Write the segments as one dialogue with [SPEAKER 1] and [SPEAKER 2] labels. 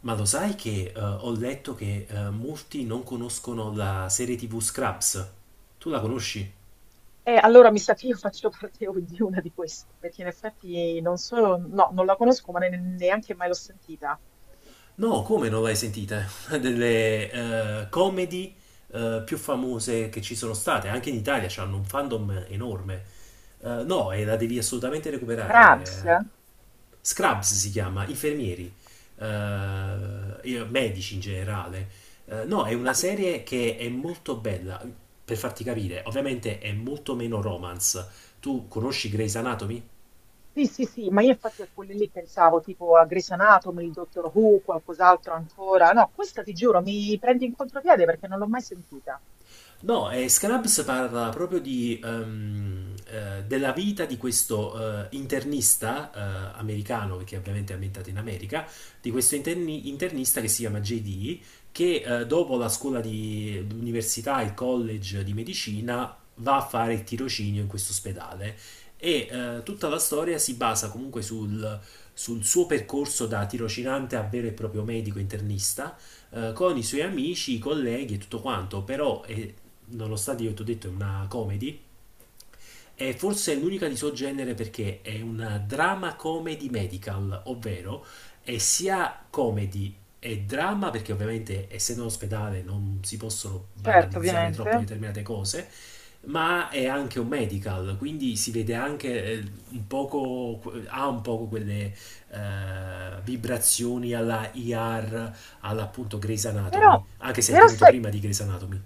[SPEAKER 1] Ma lo sai che ho letto che molti non conoscono la serie TV Scraps? Tu la conosci?
[SPEAKER 2] Allora mi sa che io faccio parte di una di queste, perché in effetti non so, no, non la conosco, ma neanche mai l'ho sentita.
[SPEAKER 1] No, come non l'hai sentita? Una delle comedy più famose che ci sono state, anche in Italia hanno un fandom enorme. No, e la devi assolutamente recuperare.
[SPEAKER 2] Crabs?
[SPEAKER 1] eh. Scrubs si chiama, infermieri, medici in generale. No, è
[SPEAKER 2] Ma
[SPEAKER 1] una serie che è molto bella, per farti capire, ovviamente è molto meno romance. Tu conosci Grey's Anatomy?
[SPEAKER 2] sì, sì, sì, ma io infatti a quelle lì pensavo, tipo a Grey's Anatomy, il Dottor Who, qualcos'altro ancora. No, questa ti giuro, mi prendi in contropiede perché non l'ho mai sentita.
[SPEAKER 1] No, e Scrubs parla proprio della vita di questo internista americano, perché ovviamente è ambientato in America, di questo internista che si chiama JD, che dopo la scuola di università, il college di medicina, va a fare il tirocinio in questo ospedale. E tutta la storia si basa comunque sul suo percorso da tirocinante a vero e proprio medico internista con i suoi amici, i colleghi e tutto quanto. Però è, nonostante io ti ho detto è una comedy, è forse l'unica di suo genere perché è una drama comedy medical, ovvero è sia comedy e drama perché ovviamente essendo in ospedale non si possono
[SPEAKER 2] Certo,
[SPEAKER 1] banalizzare troppo
[SPEAKER 2] ovviamente.
[SPEAKER 1] determinate cose, ma è anche un medical, quindi si vede anche un poco, ha un poco quelle vibrazioni alla IR, all'appunto Grey's
[SPEAKER 2] Però,
[SPEAKER 1] Anatomy, anche se è
[SPEAKER 2] però
[SPEAKER 1] venuto
[SPEAKER 2] sai.
[SPEAKER 1] prima di Grey's Anatomy.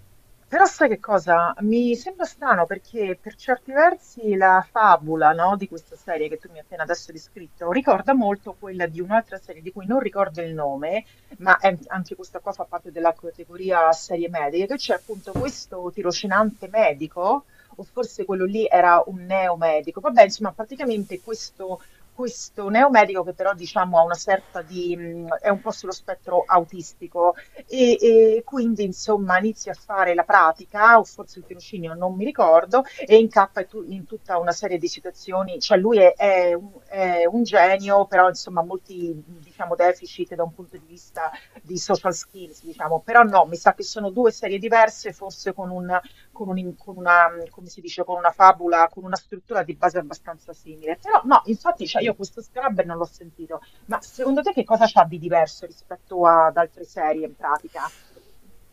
[SPEAKER 2] Però sai che cosa? Mi sembra strano perché per certi versi la fabula, no, di questa serie che tu mi hai appena adesso descritto ricorda molto quella di un'altra serie di cui non ricordo il nome, ma anche questa qua fa parte della categoria serie mediche, che c'è appunto questo tirocinante medico, o forse quello lì era un neomedico. Vabbè, insomma, praticamente questo neomedico che però diciamo ha una certa di... è un po' sullo spettro autistico e, e quindi insomma inizio a fare la pratica, o forse il tirocinio, non mi ricordo, e incappa in tutta una serie di situazioni, cioè è un genio, però insomma ha molti diciamo deficit da un punto di vista di social skills, diciamo, però no, mi sa che sono due serie diverse, con una, come si dice, con una fabula, con una struttura di base abbastanza simile, però no, infatti cioè, io questo Scrubber non l'ho sentito, ma secondo te che cosa c'ha di diverso rispetto ad altre serie in pratica?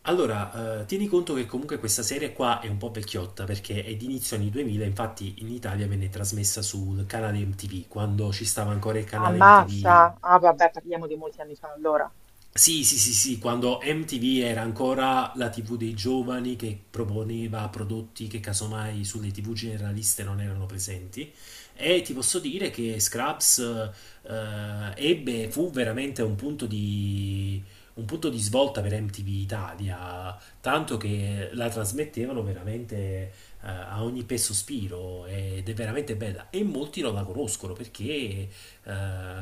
[SPEAKER 1] Allora, tieni conto che comunque questa serie qua è un po' vecchiotta perché è di inizio anni 2000. Infatti in Italia venne trasmessa sul canale MTV, quando ci stava ancora il canale MTV.
[SPEAKER 2] Ammazza? Ah, vabbè, parliamo di molti anni fa allora.
[SPEAKER 1] Sì, sì, sì, sì, quando MTV era ancora la TV dei giovani che proponeva prodotti che casomai sulle TV generaliste non erano presenti. E ti posso dire che Scraps fu veramente un punto di, svolta per MTV Italia, tanto che la trasmettevano veramente a ogni peso sospiro ed è veramente bella. E molti non la conoscono perché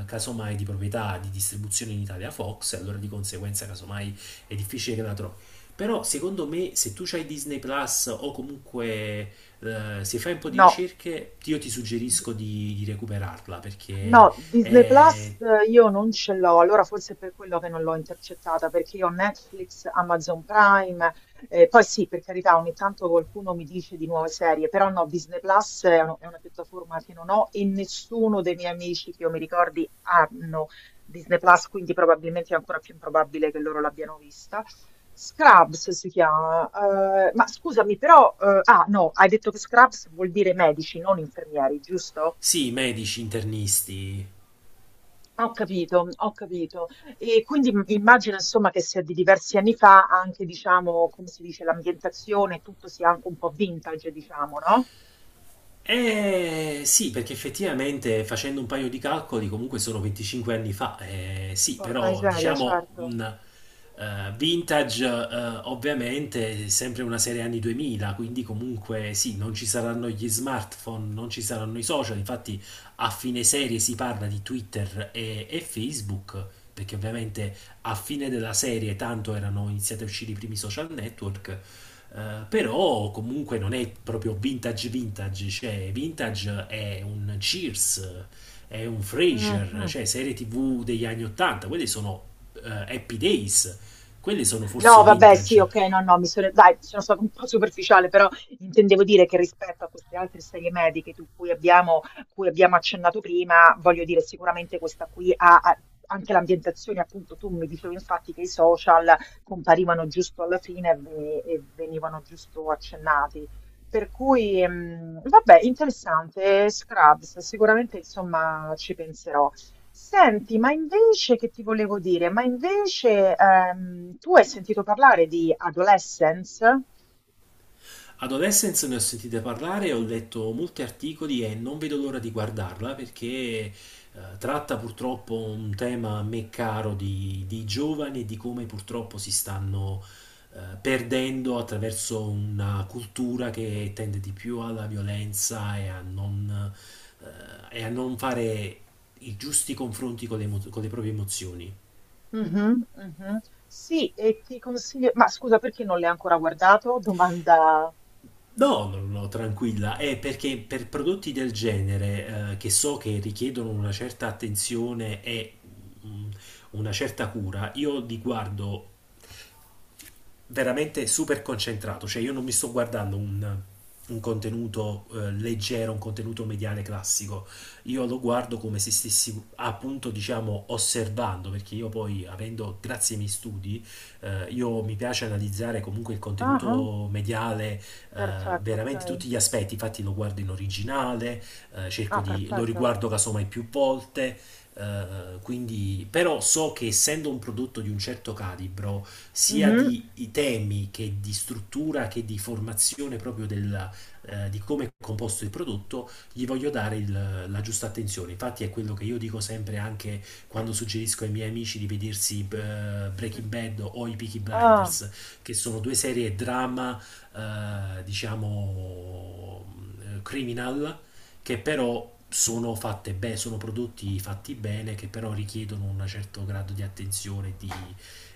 [SPEAKER 1] casomai di proprietà di distribuzione in Italia Fox, e allora di conseguenza casomai è difficile che la trovi. Però secondo me se tu hai Disney Plus o comunque se fai un po' di
[SPEAKER 2] No.
[SPEAKER 1] ricerche, io ti suggerisco di recuperarla perché
[SPEAKER 2] No, Disney
[SPEAKER 1] è...
[SPEAKER 2] Plus io non ce l'ho, allora forse è per quello che non l'ho intercettata, perché io ho Netflix, Amazon Prime, poi sì, per carità, ogni tanto qualcuno mi dice di nuove serie, però no, Disney Plus è una piattaforma che non ho e nessuno dei miei amici che io mi ricordi hanno Disney Plus, quindi probabilmente è ancora più improbabile che loro l'abbiano vista. Scrubs si chiama, ma scusami, però, ah no, hai detto che Scrubs vuol dire medici, non infermieri, giusto?
[SPEAKER 1] Sì, medici, internisti.
[SPEAKER 2] Ho capito, ho capito. E quindi immagino insomma che sia di diversi anni fa anche, diciamo, come si dice, l'ambientazione, tutto sia anche un po' vintage, diciamo, no?
[SPEAKER 1] Eh sì, perché effettivamente facendo un paio di calcoli comunque sono 25 anni fa, sì,
[SPEAKER 2] Porca
[SPEAKER 1] però
[SPEAKER 2] miseria,
[SPEAKER 1] diciamo
[SPEAKER 2] certo.
[SPEAKER 1] un vintage ovviamente è sempre una serie anni 2000, quindi comunque sì, non ci saranno gli smartphone, non ci saranno i social. Infatti a fine serie si parla di Twitter e Facebook, perché ovviamente a fine della serie tanto erano iniziati a uscire i primi social network. Però comunque non è proprio vintage vintage, cioè vintage è un Cheers, è un Frasier,
[SPEAKER 2] Mhm.
[SPEAKER 1] cioè serie TV degli anni 80, quelle sono eh, Happy Days, quelle sono
[SPEAKER 2] No,
[SPEAKER 1] forse
[SPEAKER 2] vabbè, sì,
[SPEAKER 1] vintage.
[SPEAKER 2] ok, no, no, mi sono, dai, sono stata un po' superficiale, però intendevo dire che rispetto a queste altre serie mediche cui abbiamo accennato prima, voglio dire, sicuramente questa qui ha, anche l'ambientazione, appunto, tu mi dicevi infatti che i social comparivano giusto alla fine e e venivano giusto accennati. Per cui, vabbè, interessante, Scrubs, sicuramente, insomma, ci penserò. Senti, ma invece che ti volevo dire? Ma invece tu hai sentito parlare di Adolescence?
[SPEAKER 1] Adolescence ne ho sentite parlare, ho letto molti articoli e non vedo l'ora di guardarla perché tratta purtroppo un tema a me caro di giovani e di come purtroppo si stanno perdendo attraverso una cultura che tende di più alla violenza eh, e a non fare i giusti confronti con con le proprie emozioni.
[SPEAKER 2] Mhm. Mhm. Sì, e ti consiglio... Ma scusa, perché non l'hai ancora guardato? Domanda...
[SPEAKER 1] No, no, no, tranquilla. È perché per prodotti del genere, che so che richiedono una certa attenzione e mm, una certa cura, io li guardo veramente super concentrato, cioè io non mi sto guardando un contenuto leggero, un contenuto mediale classico, io lo guardo come se stessi appunto diciamo osservando, perché io poi avendo, grazie ai miei studi, io mi piace analizzare comunque il
[SPEAKER 2] Ah, ah,
[SPEAKER 1] contenuto mediale,
[SPEAKER 2] perfetto,
[SPEAKER 1] veramente
[SPEAKER 2] ok.
[SPEAKER 1] tutti gli aspetti. Infatti lo guardo in originale,
[SPEAKER 2] Ah,
[SPEAKER 1] lo
[SPEAKER 2] perfetto.
[SPEAKER 1] riguardo casomai più volte, quindi, però so che essendo un prodotto di un certo calibro, sia
[SPEAKER 2] Mhm.
[SPEAKER 1] di i temi che di struttura che di formazione proprio del, di come è composto il prodotto, gli voglio dare la giusta attenzione. Infatti è quello che io dico sempre anche quando suggerisco ai miei amici di vedersi
[SPEAKER 2] Mm.
[SPEAKER 1] Breaking Bad o i Peaky
[SPEAKER 2] Ah.
[SPEAKER 1] Blinders, che sono due serie drama, diciamo, criminal, che però sono fatte bene, sono prodotti fatti bene, che però richiedono un certo grado di attenzione e di,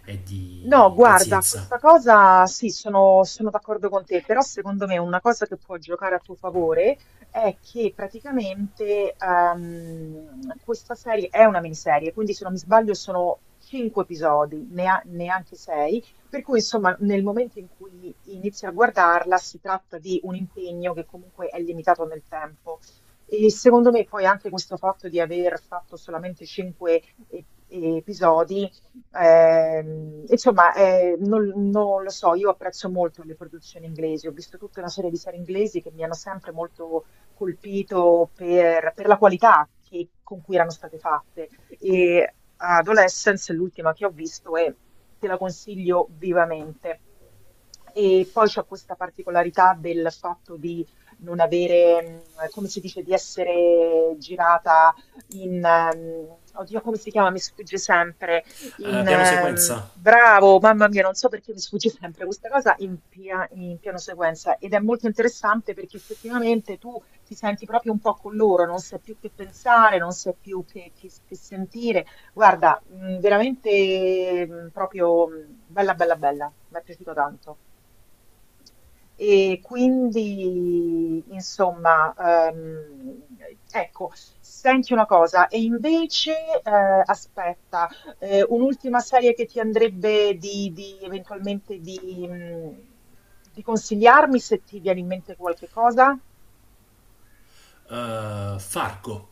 [SPEAKER 1] e
[SPEAKER 2] No,
[SPEAKER 1] di
[SPEAKER 2] guarda,
[SPEAKER 1] pazienza.
[SPEAKER 2] questa cosa sì, sono, sono d'accordo con te, però secondo me una cosa che può giocare a tuo favore è che praticamente questa serie è una miniserie, quindi se non mi sbaglio sono cinque episodi, neanche sei, per cui insomma nel momento in cui inizi a guardarla si tratta di un impegno che comunque è limitato nel tempo. E secondo me poi anche questo fatto di aver fatto solamente e- episodi. Ehm, insomma, eh, non, non lo so, io apprezzo molto le produzioni inglesi, ho visto tutta una serie di serie inglesi che mi hanno sempre molto colpito per la qualità con cui erano state fatte. E Adolescence, l'ultima che ho visto, e te la consiglio vivamente. E poi c'è questa particolarità del fatto di non avere, come si dice, di essere girata in, oddio, come si chiama? Mi sfugge sempre in
[SPEAKER 1] Piano sequenza,
[SPEAKER 2] bravo, mamma mia, non so perché mi sfugge sempre questa cosa in, in piano sequenza ed è molto interessante perché effettivamente tu ti senti proprio un po' con loro, non sai più che pensare, non sai più che, che sentire. Guarda, veramente proprio bella, bella, bella, mi è piaciuto tanto. E quindi, insomma, ecco, senti una cosa, e invece, aspetta, un'ultima serie che ti andrebbe eventualmente di consigliarmi se ti viene in mente qualche cosa?
[SPEAKER 1] Fargo.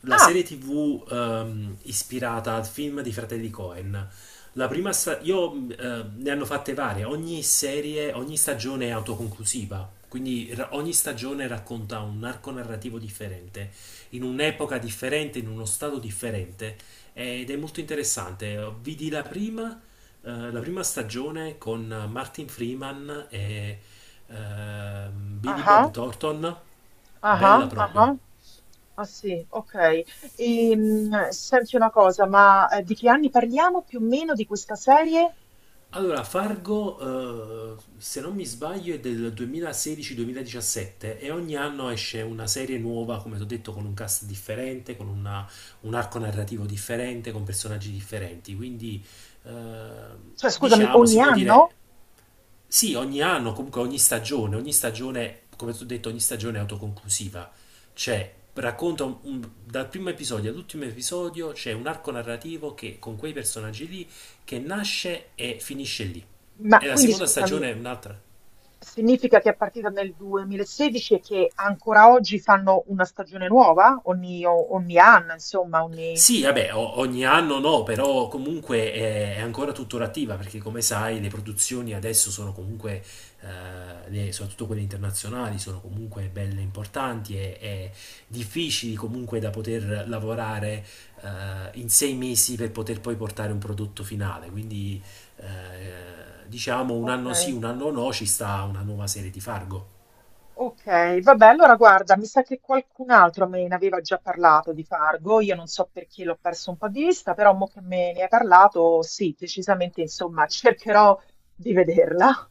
[SPEAKER 1] La serie
[SPEAKER 2] Ah,
[SPEAKER 1] TV ispirata al film di Fratelli Coen. La prima sta- io Ne hanno fatte varie, ogni stagione è autoconclusiva, quindi ogni stagione racconta un arco narrativo differente, in un'epoca differente, in uno stato differente ed è molto interessante. Vidi la prima stagione con Martin Freeman e Billy Bob
[SPEAKER 2] ah,
[SPEAKER 1] Thornton,
[SPEAKER 2] ah,
[SPEAKER 1] bella
[SPEAKER 2] ah,
[SPEAKER 1] proprio.
[SPEAKER 2] ah, sì, ok. Senti una cosa, ma di che anni parliamo più o meno di questa serie?
[SPEAKER 1] Allora, Fargo, se non mi sbaglio, è del 2016-2017 e ogni anno esce una serie nuova, come ti ho detto, con un cast differente, con un arco narrativo differente, con personaggi differenti. Quindi,
[SPEAKER 2] Cioè, scusami,
[SPEAKER 1] diciamo,
[SPEAKER 2] ogni
[SPEAKER 1] si può dire
[SPEAKER 2] anno?
[SPEAKER 1] sì, ogni anno, comunque ogni stagione, come ti ho detto, ogni stagione è autoconclusiva. Cioè, racconta dal primo episodio all'ultimo episodio c'è un arco narrativo che con quei personaggi lì che nasce e finisce lì.
[SPEAKER 2] Ma
[SPEAKER 1] E la
[SPEAKER 2] quindi
[SPEAKER 1] seconda
[SPEAKER 2] scusami,
[SPEAKER 1] stagione è un'altra.
[SPEAKER 2] significa che è partita nel 2016 e che ancora oggi fanno una stagione nuova? Ogni anno, insomma, ogni...
[SPEAKER 1] Sì, vabbè, ogni anno no, però comunque è ancora tuttora attiva perché come sai le produzioni adesso sono comunque, soprattutto quelle internazionali, sono comunque belle importanti e difficili comunque da poter lavorare in 6 mesi per poter poi portare un prodotto finale. Quindi diciamo un
[SPEAKER 2] Ok,
[SPEAKER 1] anno sì, un anno no, ci sta una nuova serie di Fargo.
[SPEAKER 2] ok, vabbè, allora guarda, mi sa che qualcun altro me ne aveva già parlato di Fargo, io non so perché l'ho perso un po' di vista, però mo che me ne hai parlato, sì, decisamente, insomma, cercherò di vederla.